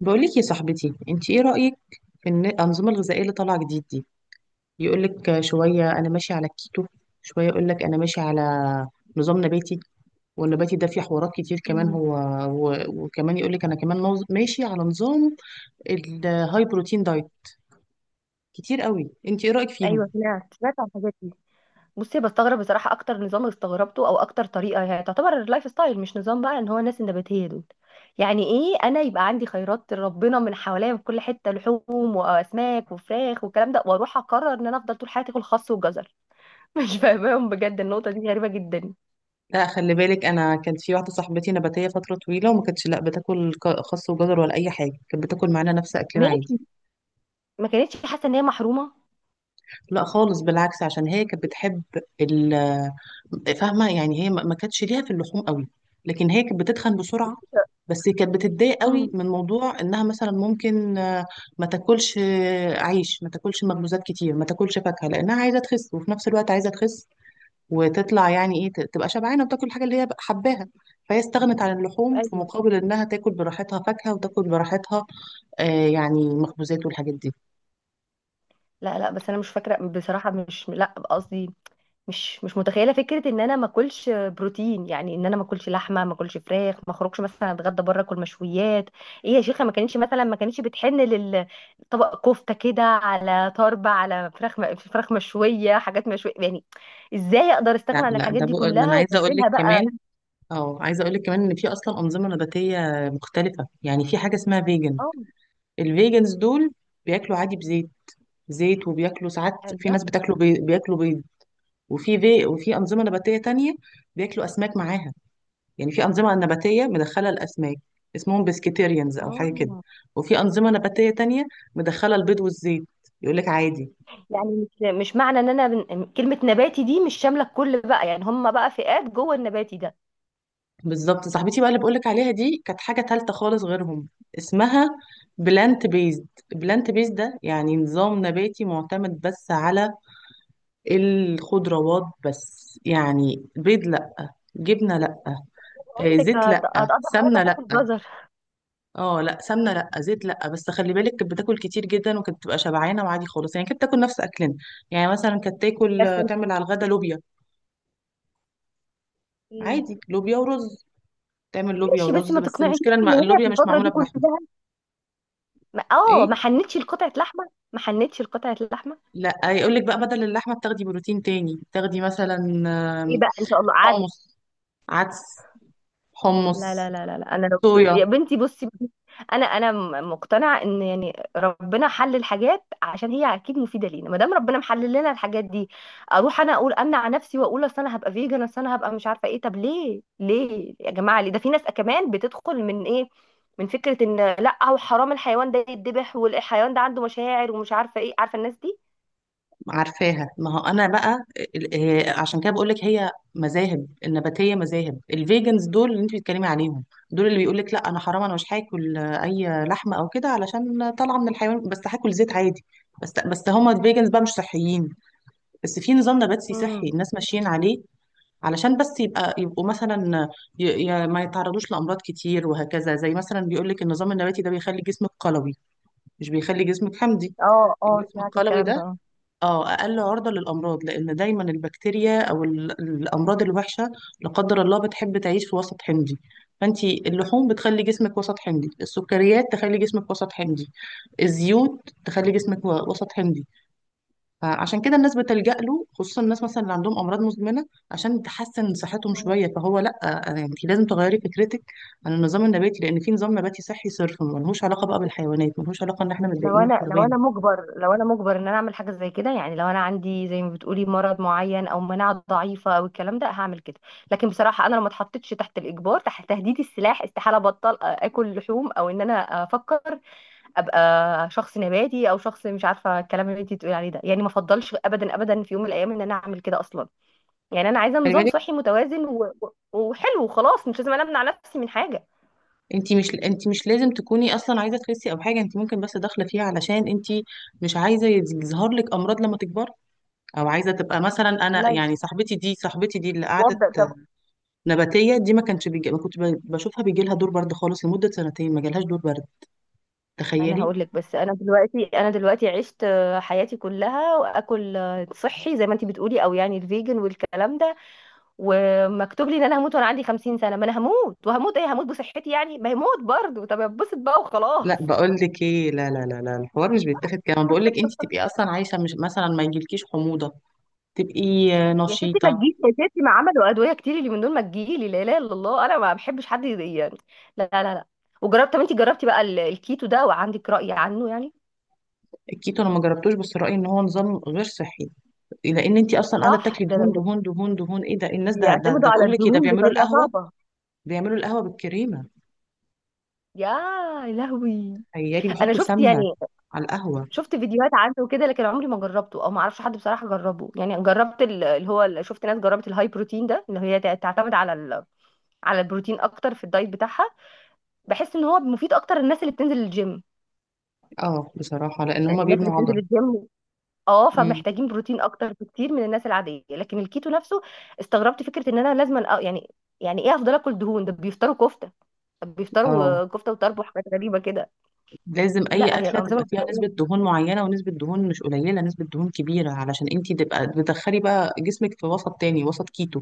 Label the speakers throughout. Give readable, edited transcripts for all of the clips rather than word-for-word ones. Speaker 1: بقولك يا صاحبتي، انت ايه رأيك في الأنظمة الغذائية اللي طالعة جديد دي؟ يقولك شوية انا ماشي على الكيتو، شوية يقولك انا ماشي على نظام نباتي. والنباتي ده فيه حوارات كتير كمان.
Speaker 2: مم.
Speaker 1: هو و- وكمان يقولك انا كمان ماشي على نظام الهاي بروتين دايت كتير قوي. انت ايه رأيك
Speaker 2: ايوه،
Speaker 1: فيهم؟
Speaker 2: سمعت عن الحاجات دي. بصي بستغرب بصراحه، اكتر نظام استغربته او اكتر طريقه هي تعتبر اللايف ستايل مش نظام، بقى ان هو الناس النباتيه دول يعني ايه؟ انا يبقى عندي خيرات ربنا من حواليا من كل حته، لحوم واسماك وفراخ والكلام ده، واروح اقرر ان انا افضل طول حياتي اكل خس وجزر. مش فاهماهم بجد، النقطه دي غريبه جدا.
Speaker 1: لا، خلي بالك، انا كانت في واحدة صاحبتي نباتية فترة طويلة، وما كانتش لا بتاكل خس وجزر ولا اي حاجة. كانت بتاكل معانا نفس اكلنا عادي.
Speaker 2: ماشي. ما كانتش حاسه ان هي محرومه؟
Speaker 1: لا خالص، بالعكس، عشان هي كانت بتحب ال فاهمه؟ يعني هي ما كانتش ليها في اللحوم قوي. لكن هي كانت بتتخن بسرعه. بس كانت بتتضايق قوي
Speaker 2: امم.
Speaker 1: من موضوع انها مثلا ممكن ما تاكلش عيش، ما تاكلش مخبوزات كتير، ما تاكلش فاكهه، لانها عايزه تخس، وفي نفس الوقت عايزه تخس وتطلع يعني ايه تبقى شبعانه وتاكل الحاجه اللي هي حباها. فهي استغنت عن اللحوم في
Speaker 2: ايوه.
Speaker 1: مقابل انها تاكل براحتها فاكهه، وتاكل براحتها يعني مخبوزات والحاجات دي.
Speaker 2: لا لا، بس انا مش فاكره بصراحه، مش لا قصدي مش متخيله فكره ان انا ما اكلش بروتين، يعني ان انا ما اكلش لحمه، ما اكلش فراخ، ما اخرجش مثلا اتغدى بره اكل مشويات. ايه يا شيخه، ما كانتش مثلا ما كانتش بتحن للطبق كفته كده على طربه على فراخ، فراخ مشويه، حاجات مشويه يعني. ازاي اقدر استغنى
Speaker 1: لا
Speaker 2: عن
Speaker 1: لا،
Speaker 2: الحاجات دي
Speaker 1: ده انا
Speaker 2: كلها
Speaker 1: عايزه اقول
Speaker 2: وابدلها
Speaker 1: لك كمان
Speaker 2: بقى؟
Speaker 1: اه عايزه اقول لك كمان ان في اصلا انظمه نباتيه مختلفه. يعني في حاجه اسمها فيجن.
Speaker 2: اه.
Speaker 1: الفيجنز دول بياكلوا عادي، بزيت وبياكلوا ساعات، في
Speaker 2: الله.
Speaker 1: ناس بياكلوا بيض. وفي في... وفي انظمه نباتيه تانية بياكلوا اسماك معاها، يعني في انظمه نباتيه مدخله الاسماك، اسمهم بسكيتيريانز او حاجه كده.
Speaker 2: اه.
Speaker 1: وفي انظمه نباتيه تانية مدخله البيض والزيت، يقول لك عادي.
Speaker 2: يعني مش، مش معنى ان انا كلمه نباتي دي مش شامله الكل بقى، يعني هم بقى فئات جوه النباتي ده.
Speaker 1: بالظبط، صاحبتي بقى اللي بقولك عليها دي كانت حاجة تالتة خالص غيرهم، اسمها بلانت بيزد. بلانت بيزد ده يعني نظام نباتي معتمد بس على الخضروات بس، يعني بيض لأ، جبنة لأ،
Speaker 2: بقول لك
Speaker 1: زيت لأ،
Speaker 2: هتقضي
Speaker 1: سمنة
Speaker 2: حياتك
Speaker 1: لأ.
Speaker 2: تاكل جزر.
Speaker 1: اه لأ، سمنة لأ، زيت لأ، بس خلي بالك كانت بتاكل كتير جدا، وكانت بتبقى شبعانة وعادي خالص. يعني كانت بتاكل نفس أكلنا. يعني مثلا كانت
Speaker 2: بس.
Speaker 1: تعمل على الغدا لوبيا،
Speaker 2: مم.
Speaker 1: عادي لوبيا ورز، تعمل لوبيا
Speaker 2: ماشي بس
Speaker 1: ورز،
Speaker 2: ما
Speaker 1: بس
Speaker 2: تقنعنيش
Speaker 1: المشكلة
Speaker 2: ان هي في
Speaker 1: اللوبيا مش
Speaker 2: الفتره
Speaker 1: معمولة
Speaker 2: دي
Speaker 1: بلحمة.
Speaker 2: كلها ما
Speaker 1: ايه؟
Speaker 2: حنتش لقطعه لحمه، ما حنتش لقطعه لحمه.
Speaker 1: لا يقول لك بقى بدل اللحمه بتاخدي بروتين تاني، بتاخدي مثلا
Speaker 2: ايه
Speaker 1: آم،
Speaker 2: بقى ان شاء الله قعدت.
Speaker 1: حمص، عدس،
Speaker 2: لا
Speaker 1: حمص،
Speaker 2: لا لا لا لا، انا لو
Speaker 1: صويا.
Speaker 2: يا بنتي بصي، انا مقتنعه ان يعني ربنا حل الحاجات عشان هي اكيد مفيده لينا، ما دام ربنا محلل لنا الحاجات دي اروح انا اقول امنع نفسي واقول اصل انا هبقى فيجن، اصل انا هبقى مش عارفه ايه؟ طب ليه، ليه يا جماعه، ليه ده في ناس كمان بتدخل من ايه؟ من فكره ان لا هو حرام الحيوان ده يتذبح، والحيوان ده عنده مشاعر ومش عارفه ايه، عارفه الناس دي.
Speaker 1: عارفاها. ما هو انا بقى ال- عشان كده بقول لك، هي مذاهب النباتيه، مذاهب الفيجنز دول اللي انت بتتكلمي عليهم، دول اللي بيقول لك لا، انا حرام، انا مش هاكل اي لحمه او كده، علشان طالعه من الحيوان، بس هاكل زيت عادي. بس هما الفيجنز بقى مش صحيين. بس في نظام نباتي صحي
Speaker 2: امم.
Speaker 1: الناس ماشيين عليه، علشان بس يبقوا مثلا ما يتعرضوش لأمراض كتير وهكذا. زي مثلا بيقول لك النظام النباتي ده بيخلي جسمك قلوي، مش بيخلي جسمك حمضي.
Speaker 2: اه اه،
Speaker 1: الجسم
Speaker 2: سمعت
Speaker 1: القلوي
Speaker 2: الكلام ده
Speaker 1: ده
Speaker 2: اه.
Speaker 1: اه أقل عرضة للأمراض، لأن دايما البكتيريا أو الأمراض الوحشة، لا قدر الله، بتحب تعيش في وسط حمضي. فانت، اللحوم بتخلي جسمك وسط حمضي، السكريات تخلي جسمك وسط حمضي، الزيوت تخلي جسمك و- وسط حمضي. فعشان كده الناس بتلجأ له، خصوصا الناس مثلا اللي عندهم امراض مزمنه، عشان تحسن صحتهم
Speaker 2: مم.
Speaker 1: شويه. فهو لا، يعني انت لازم تغيري فكرتك عن النظام النباتي، لان في نظام نباتي صحي صرف ملهوش علاقه بقى بالحيوانات، ملهوش علاقه ان احنا
Speaker 2: لو
Speaker 1: متضايقين من
Speaker 2: انا لو
Speaker 1: الحيوان.
Speaker 2: انا مجبر لو انا مجبر ان انا اعمل حاجه زي كده، يعني لو انا عندي زي ما بتقولي مرض معين او مناعه ضعيفه او الكلام ده هعمل كده. لكن بصراحه انا لو ما اتحطيتش تحت الاجبار تحت تهديد السلاح، استحاله ابطل اكل لحوم، او ان انا افكر ابقى شخص نباتي او شخص مش عارفه الكلام اللي انت بتقولي عليه ده، يعني ما افضلش ابدا ابدا في يوم من الايام ان انا اعمل كده اصلا. يعني انا عايزه
Speaker 1: خلي
Speaker 2: نظام
Speaker 1: بالك،
Speaker 2: صحي متوازن و... و- وحلو وخلاص، مش لازم انا امنع نفسي من حاجه.
Speaker 1: انت مش لازم تكوني اصلا عايزه تخسي او حاجه، انت ممكن بس داخله فيها علشان انت مش عايزه يظهر لك امراض لما تكبري، او عايزه تبقى مثلا، انا
Speaker 2: لا.
Speaker 1: يعني صاحبتي دي اللي قعدت
Speaker 2: وافضل طب.
Speaker 1: نباتيه دي، ما كنت بشوفها بيجي لها دور برد خالص. لمده سنتين ما جالهاش دور برد،
Speaker 2: انا
Speaker 1: تخيلي.
Speaker 2: هقول لك، بس انا دلوقتي عشت حياتي كلها واكل صحي زي ما انت بتقولي، او يعني الفيجن والكلام ده، ومكتوب لي ان انا هموت وانا عندي 50 سنه، ما انا هموت. وهموت ايه؟ هموت بصحتي يعني؟ ما هموت برضه، طب اتبسط بقى وخلاص.
Speaker 1: لا، بقول لك ايه، لا لا لا لا، الحوار مش بيتاخد كده. بقول لك انت تبقي اصلا عايشه، مش مثلا ما يجيلكيش حموضه، تبقي
Speaker 2: يا ستي ما
Speaker 1: نشيطه.
Speaker 2: تجيش، يا ستي ما عملوا ادويه كتير اللي من دول، ما تجيلي لا اله الا الله، انا ما بحبش حد يضايقني يعني. لا لا لا. وجربت، طب انت جربتي بقى الكيتو ده وعندك راي عنه يعني؟
Speaker 1: الكيتو انا ما جربتوش، بس رايي ان هو نظام غير صحي، لان انت اصلا قاعده
Speaker 2: صح،
Speaker 1: بتاكلي دهون دهون دهون دهون، ايه ده؟ الناس ده ده,
Speaker 2: بيعتمدوا
Speaker 1: ده
Speaker 2: على
Speaker 1: بقول لك ايه، ده
Speaker 2: الدهون
Speaker 1: بيعملوا
Speaker 2: بطريقه
Speaker 1: القهوه،
Speaker 2: صعبه.
Speaker 1: بيعملوا القهوه بالكريمه،
Speaker 2: يا لهوي.
Speaker 1: تخيلي،
Speaker 2: انا
Speaker 1: بيحطوا
Speaker 2: شفت
Speaker 1: سمنه
Speaker 2: يعني،
Speaker 1: على القهوه.
Speaker 2: شفت فيديوهات عنه وكده، لكن عمري ما جربته، او ما اعرفش حد بصراحه جربه. يعني جربت اللي هو شفت ناس جربت الهاي بروتين ده اللي هي تعتمد على على البروتين اكتر في الدايت بتاعها. بحس ان هو مفيد اكتر للناس اللي بتنزل الجيم،
Speaker 1: اه بصراحه، لان هما
Speaker 2: يعني الناس اللي
Speaker 1: بيبنوا عضل.
Speaker 2: بتنزل الجيم، اه،
Speaker 1: امم
Speaker 2: فمحتاجين بروتين اكتر بكتير من الناس العاديه. لكن الكيتو نفسه، استغربت فكره ان انا لازم يعني، يعني ايه افضل اكل دهون؟ ده بيفطروا كفته. طب بيفطروا
Speaker 1: اه،
Speaker 2: كفته وطرب وحاجات غريبه كده.
Speaker 1: لازم اي
Speaker 2: لا هي
Speaker 1: اكله تبقى
Speaker 2: الانظمه
Speaker 1: فيها نسبه دهون معينه، ونسبه دهون مش قليله، نسبه دهون كبيره، علشان انت تبقى بتدخلي بقى جسمك في وسط تاني، وسط كيتو.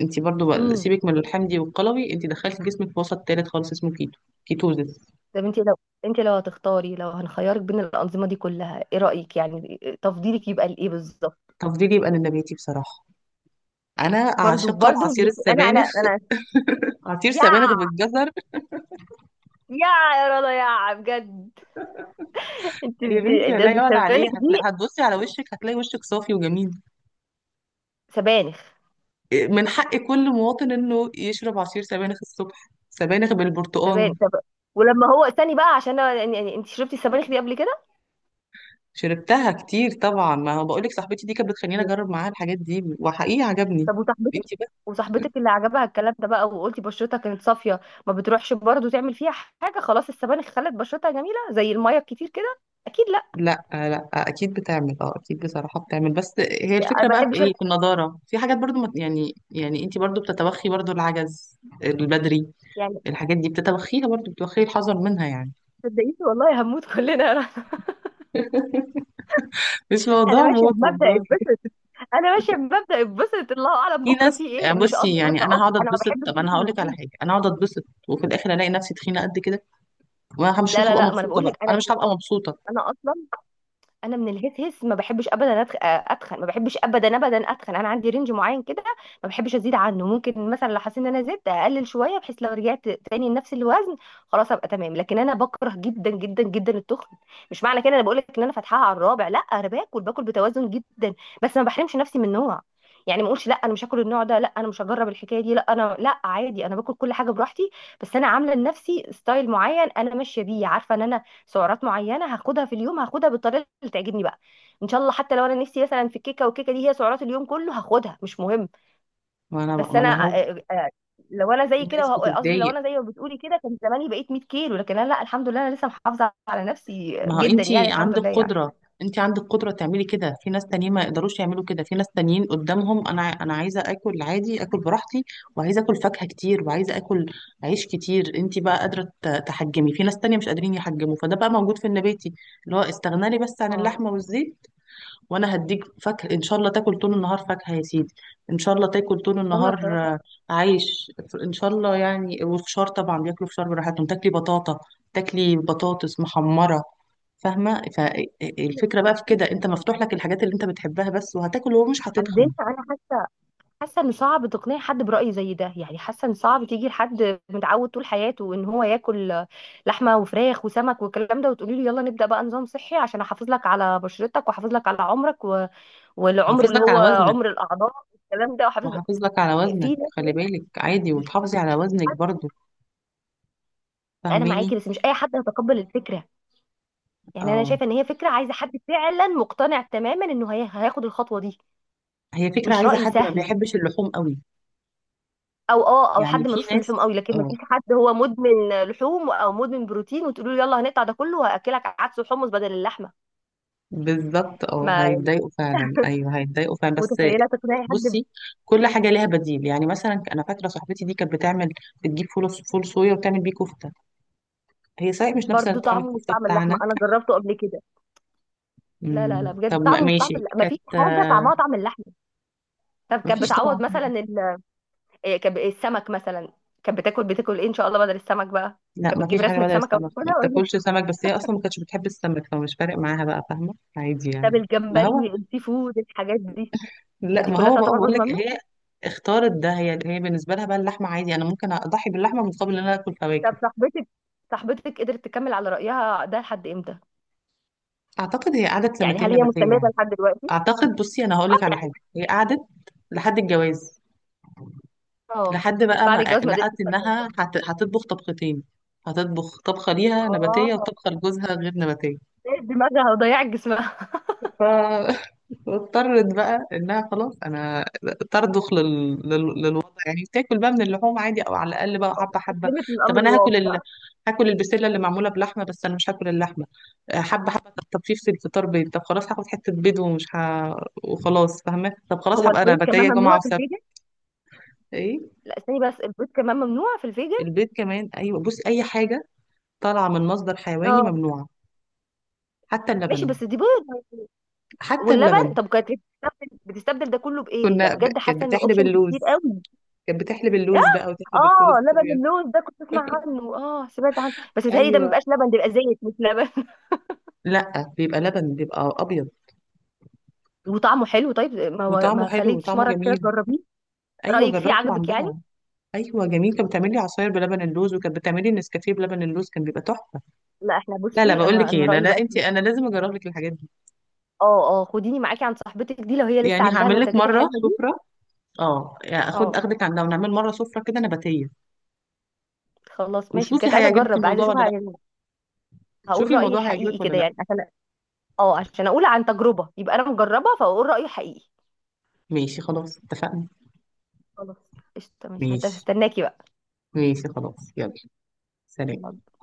Speaker 1: انت برضو بقى،
Speaker 2: الغذائيه.
Speaker 1: سيبك من الحمضي والقلوي، انت دخلتي جسمك في وسط تالت خالص اسمه كيتو، كيتوزيس.
Speaker 2: طب انت لو، انت لو هتختاري، لو هنخيرك بين الانظمه دي كلها، ايه رايك يعني؟ تفضيلك يبقى لايه بالظبط؟
Speaker 1: تفضيلي يبقى للنباتي بصراحه. انا
Speaker 2: برضو
Speaker 1: عاشقه
Speaker 2: برضو.
Speaker 1: لعصير السبانخ،
Speaker 2: انا
Speaker 1: عصير
Speaker 2: يا
Speaker 1: سبانخ بالجزر.
Speaker 2: يا يا رضا يا بجد.
Speaker 1: يا بنتي،
Speaker 2: انت
Speaker 1: لا يعلى عليه،
Speaker 2: السبانخ دي
Speaker 1: هتبصي على وشك، هتلاقي وشك صافي وجميل.
Speaker 2: سبانخ
Speaker 1: من حق كل مواطن انه يشرب عصير سبانخ الصبح، سبانخ بالبرتقال.
Speaker 2: سبانخ. طب ولما هو، استني بقى عشان انا يعني، يعني انت شربتي السبانخ دي قبل كده؟
Speaker 1: شربتها كتير طبعا. ما هو بقولك، صاحبتي دي كانت بتخليني اجرب معاها الحاجات دي، وحقيقي عجبني.
Speaker 2: طب وصاحبتك،
Speaker 1: انتي بس.
Speaker 2: وصاحبتك اللي عجبها الكلام ده بقى وقلتي بشرتها كانت صافيه، ما بتروحش برضو تعمل فيها حاجه؟ خلاص السبانخ خلت بشرتها جميله زي الميه الكتير كده. اكيد لا.
Speaker 1: لا، لا، اكيد بتعمل، اكيد بصراحه بتعمل. بس هي الفكره
Speaker 2: ما
Speaker 1: بقى في
Speaker 2: بحبش انا
Speaker 1: ايه؟ في النضاره، في حاجات برضو يعني انتي برضو بتتوخي، برضو العجز البدري.
Speaker 2: يعني.
Speaker 1: الحاجات دي بتتوخيها برضو، بتوخي الحذر منها يعني.
Speaker 2: صدقيني والله هموت كلنا يا رنا.
Speaker 1: مش
Speaker 2: انا
Speaker 1: موضوع
Speaker 2: ماشيه
Speaker 1: موت
Speaker 2: بمبدا
Speaker 1: والله.
Speaker 2: اتبسط. انا ماشيه بمبدا اتبسط، الله اعلم
Speaker 1: في
Speaker 2: بكره
Speaker 1: ناس
Speaker 2: فيه ايه.
Speaker 1: يعني،
Speaker 2: مش
Speaker 1: بصي
Speaker 2: قصدي برضه،
Speaker 1: يعني انا
Speaker 2: عك
Speaker 1: هقعد
Speaker 2: انا ما
Speaker 1: اتبسط،
Speaker 2: بحبش
Speaker 1: طب انا هقول
Speaker 2: جسمي
Speaker 1: لك على
Speaker 2: جديد.
Speaker 1: حاجه، انا هقعد اتبسط وفي الاخر الاقي نفسي تخينه قد كده، وانا مش
Speaker 2: لا لا
Speaker 1: هبقى
Speaker 2: لا ما انا
Speaker 1: مبسوطه
Speaker 2: بقول
Speaker 1: بقى،
Speaker 2: لك، انا،
Speaker 1: انا مش هبقى مبسوطه.
Speaker 2: انا اصلا انا من الهس هس ما بحبش ابدا اتخن، ما بحبش ابدا ابدا اتخن. انا عندي رينج معين كده ما بحبش ازيد عنه. ممكن مثلا لو حسيت ان انا زدت اقلل شويه، بحيث لو رجعت تاني لنفس الوزن خلاص ابقى تمام. لكن انا بكره جدا جدا جدا التخن. مش معنى كده انا بقول لك ان انا فاتحاها على الرابع، لا، انا باكل بتوازن جدا، بس ما بحرمش نفسي من نوع. يعني ما اقولش لا انا مش هاكل النوع ده، لا انا مش هجرب الحكايه دي، لا انا لا، عادي انا باكل كل حاجه براحتي، بس انا عامله لنفسي ستايل معين انا ماشيه بيه. عارفه ان انا سعرات معينه هاخدها في اليوم، هاخدها بالطريقه اللي تعجبني بقى، ان شاء الله. حتى لو انا نفسي مثلا في الكيكه والكيكه دي هي سعرات اليوم كله، هاخدها مش مهم.
Speaker 1: ما انا
Speaker 2: بس
Speaker 1: ما
Speaker 2: انا
Speaker 1: انا هو،
Speaker 2: لو انا
Speaker 1: في
Speaker 2: زي كده
Speaker 1: ناس
Speaker 2: قصدي لو
Speaker 1: بتتضايق،
Speaker 2: انا زي ما بتقولي كده كان زماني بقيت 100 كيلو. لكن انا لا، الحمد لله انا لسه محافظه على نفسي
Speaker 1: ما هو
Speaker 2: جدا
Speaker 1: انت
Speaker 2: يعني، الحمد
Speaker 1: عندك
Speaker 2: لله يعني.
Speaker 1: قدرة، انت عندك قدرة تعملي كده، في ناس تانيين ما يقدروش يعملوا كده، في ناس تانيين قدامهم. انا عايزة اكل عادي، اكل براحتي، وعايزة اكل فاكهة كتير، وعايزة اكل عيش كتير. انت بقى قادرة تحجمي، في ناس تانية مش قادرين يحجموا، فده بقى موجود في النباتي، اللي هو استغنالي بس عن
Speaker 2: اه.
Speaker 1: اللحمة والزيت. وانا هديك فاكهه، ان شاء الله تاكل طول النهار فاكهه يا سيدي، ان شاء الله تاكل طول
Speaker 2: انا
Speaker 1: النهار
Speaker 2: بصراحه،
Speaker 1: عيش، ان شاء الله يعني. والفشار طبعا بياكلوا فشار براحتهم، تاكلي بطاطا، تاكلي بطاطس محمره. فاهمه؟ فالفكره بقى في كده، انت
Speaker 2: بس
Speaker 1: مفتوح لك الحاجات اللي انت بتحبها بس، وهتاكل ومش
Speaker 2: عندنا
Speaker 1: هتتخن.
Speaker 2: انا حاسه ان صعب تقنعي حد برأي زي ده. يعني حاسه ان صعب تيجي لحد متعود طول حياته ان هو ياكل لحمه وفراخ وسمك والكلام ده وتقولي له يلا نبدأ بقى نظام صحي عشان احافظ لك على بشرتك، واحافظ لك على عمرك والعمر
Speaker 1: حافظ
Speaker 2: اللي
Speaker 1: لك على
Speaker 2: هو
Speaker 1: وزنك،
Speaker 2: عمر الاعضاء والكلام ده، واحافظ لك.
Speaker 1: وحافظ لك على
Speaker 2: في
Speaker 1: وزنك،
Speaker 2: ناس
Speaker 1: خلي
Speaker 2: هنا
Speaker 1: بالك عادي،
Speaker 2: مش
Speaker 1: وتحافظي على
Speaker 2: مش اي
Speaker 1: وزنك
Speaker 2: حد.
Speaker 1: برضو.
Speaker 2: انا معاكي،
Speaker 1: فاهماني؟
Speaker 2: بس مش اي حد هيتقبل الفكره. يعني انا
Speaker 1: اه،
Speaker 2: شايفه ان هي فكره عايزه حد فعلا مقتنع تماما انه هياخد الخطوه دي.
Speaker 1: هي فكره
Speaker 2: مش
Speaker 1: عايزه
Speaker 2: رأي
Speaker 1: حد ما
Speaker 2: سهل.
Speaker 1: بيحبش اللحوم قوي.
Speaker 2: او اه، او
Speaker 1: يعني
Speaker 2: حد
Speaker 1: في
Speaker 2: ملوش في اللحوم
Speaker 1: ناس
Speaker 2: قوي، لكن ما تجيش حد هو مدمن لحوم او مدمن بروتين وتقولوا له يلا هنقطع ده كله وهاكلك عدس وحمص بدل اللحمه.
Speaker 1: بالظبط، اه
Speaker 2: ما يعني
Speaker 1: هيتضايقوا فعلا، ايوه هيتضايقوا فعلا، بس
Speaker 2: متخيله تقنعي حد؟
Speaker 1: بصي، كل حاجه ليها بديل. يعني مثلا انا فاكره صاحبتي دي كانت بتجيب فول صويا وتعمل بيه كفته. هي صحيح مش نفس
Speaker 2: برضه
Speaker 1: طعم
Speaker 2: طعمه مش
Speaker 1: الكفته
Speaker 2: طعم اللحمه،
Speaker 1: بتاعنا.
Speaker 2: انا جربته قبل كده. لا لا لا بجد،
Speaker 1: طب
Speaker 2: طعمه مش طعم
Speaker 1: ماشي،
Speaker 2: اللحمه، ما فيش
Speaker 1: كانت
Speaker 2: حاجه طعمها طعم اللحمه. طب كانت
Speaker 1: مفيش طبعا
Speaker 2: بتعوض
Speaker 1: حاجة.
Speaker 2: مثلا إيه، السمك مثلا، كانت بتاكل ايه ان شاء الله بدل السمك بقى؟
Speaker 1: لا،
Speaker 2: كانت بتجيب
Speaker 1: مفيش حاجه
Speaker 2: رسمه
Speaker 1: بدل
Speaker 2: سمكه
Speaker 1: السمك، ما
Speaker 2: وتاكلها ولا؟
Speaker 1: بتاكلش سمك، بس هي اصلا ما كانتش بتحب السمك، فمش فارق معاها بقى، فاهمه؟ عادي يعني.
Speaker 2: طب
Speaker 1: ما
Speaker 2: الجمبري،
Speaker 1: هو
Speaker 2: السي فود، الحاجات دي؟ ما
Speaker 1: لا،
Speaker 2: دي
Speaker 1: ما
Speaker 2: كلها
Speaker 1: هو بقى،
Speaker 2: تعتبر
Speaker 1: بقول
Speaker 2: برضه
Speaker 1: لك
Speaker 2: ممنوع؟
Speaker 1: هي اختارت ده. هي بالنسبه لها بقى اللحمه عادي، انا ممكن اضحي باللحمه مقابل ان انا اكل فواكه.
Speaker 2: طب صاحبتك، صاحبتك قدرت تكمل على رأيها ده لحد امتى؟
Speaker 1: اعتقد هي قعدت
Speaker 2: يعني
Speaker 1: سنتين
Speaker 2: هل هي
Speaker 1: نباتيه
Speaker 2: مستمرة
Speaker 1: يعني.
Speaker 2: لحد دلوقتي؟
Speaker 1: اعتقد، بصي انا هقول
Speaker 2: اه
Speaker 1: لك على
Speaker 2: يعني.
Speaker 1: حاجه، هي قعدت لحد الجواز،
Speaker 2: اه.
Speaker 1: لحد بقى
Speaker 2: بعد
Speaker 1: ما
Speaker 2: الجواز ما قدرتش
Speaker 1: لقت
Speaker 2: تكمل.
Speaker 1: انها هتطبخ طبختين، هتطبخ طبخه ليها نباتيه
Speaker 2: اه.
Speaker 1: وطبخه لجوزها غير نباتيه.
Speaker 2: إيه دماغها وضيعت جسمها.
Speaker 1: ف واضطرت بقى انها خلاص، ترضخ للوضع، يعني تاكل بقى من اللحوم عادي، او على الاقل بقى
Speaker 2: آه،
Speaker 1: حبه حبه.
Speaker 2: استسلمت
Speaker 1: طب
Speaker 2: للأمر
Speaker 1: انا هاكل ال...
Speaker 2: الواقع.
Speaker 1: هاكل البسله اللي معموله بلحمه، بس انا مش هاكل اللحمه. حبه حبه، طب في الفطار بيض. طب خلاص هاخد حته بيض ومش وخلاص فاهمه. طب خلاص
Speaker 2: هو
Speaker 1: هبقى انا
Speaker 2: البيض كمان
Speaker 1: بتايه جمعه
Speaker 2: ممنوع في
Speaker 1: وسبت.
Speaker 2: الفيجن؟
Speaker 1: ايه،
Speaker 2: لا استني بس، البيض كمان ممنوع في الفيجن؟
Speaker 1: البيض كمان؟ ايوه، بص، اي حاجه طالعه من مصدر حيواني
Speaker 2: اه
Speaker 1: ممنوعه، حتى
Speaker 2: ماشي،
Speaker 1: اللبن،
Speaker 2: بس دي بيض
Speaker 1: حتى
Speaker 2: واللبن.
Speaker 1: اللبن.
Speaker 2: طب كانت بتستبدل ده كله بإيه؟ لا
Speaker 1: كنا ب...
Speaker 2: بجد
Speaker 1: كانت
Speaker 2: حاسة ان
Speaker 1: بتحلب
Speaker 2: اوبشنز كتير
Speaker 1: اللوز
Speaker 2: قوي.
Speaker 1: كانت بتحلب اللوز بقى، وتحلب الفول
Speaker 2: اه لبن
Speaker 1: الصويا.
Speaker 2: اللوز ده كنت اسمع عنه، اه سمعت عنه، بس بيتهيألي ده ما
Speaker 1: ايوه،
Speaker 2: بيبقاش لبن، ده بيبقى زيت مش لبن.
Speaker 1: لا بيبقى لبن، بيبقى ابيض،
Speaker 2: وطعمه حلو طيب؟ ما ما
Speaker 1: وطعمه
Speaker 2: ما
Speaker 1: حلو،
Speaker 2: خليتش
Speaker 1: وطعمه
Speaker 2: مرة كده
Speaker 1: جميل.
Speaker 2: تجربيه؟
Speaker 1: ايوه،
Speaker 2: رأيك فيه
Speaker 1: جربته
Speaker 2: عجبك يعني؟
Speaker 1: عندها. ايوه جميل. كانت بتعمل لي عصاير بلبن اللوز، وكانت بتعمل لي نسكافيه بلبن اللوز، كان بيبقى تحفه.
Speaker 2: لا احنا
Speaker 1: لا لا،
Speaker 2: بصي،
Speaker 1: بقول
Speaker 2: انا
Speaker 1: لك
Speaker 2: انا
Speaker 1: ايه، لا
Speaker 2: رأيي
Speaker 1: لا،
Speaker 2: بقى.
Speaker 1: انا لازم اجرب لك الحاجات دي.
Speaker 2: اه اه، خديني معاكي عند صاحبتك دي لو هي لسه
Speaker 1: يعني
Speaker 2: عندها
Speaker 1: هعمل لك
Speaker 2: المنتجات
Speaker 1: مره
Speaker 2: الحلوة دي.
Speaker 1: سفره، اه يعني
Speaker 2: اه
Speaker 1: اخدك عندها ونعمل مره سفره كده نباتيه.
Speaker 2: خلاص ماشي،
Speaker 1: وشوفي
Speaker 2: بجد عايزة
Speaker 1: هيعجبك
Speaker 2: اجرب، عايزة
Speaker 1: الموضوع ولا
Speaker 2: اشوفها
Speaker 1: لا،
Speaker 2: يعني، هقول
Speaker 1: شوفي
Speaker 2: رأيي
Speaker 1: الموضوع
Speaker 2: حقيقي
Speaker 1: هيعجبك ولا
Speaker 2: كده
Speaker 1: لا.
Speaker 2: يعني عشان، اه عشان اقول عن تجربة، يبقى انا مجربة فاقول رأيي حقيقي.
Speaker 1: ماشي خلاص، اتفقنا.
Speaker 2: خلاص قشطة ماشي،
Speaker 1: ماشي،
Speaker 2: هستناكي بقى.
Speaker 1: ماشي خلاص، يلا، سلام.
Speaker 2: يلا.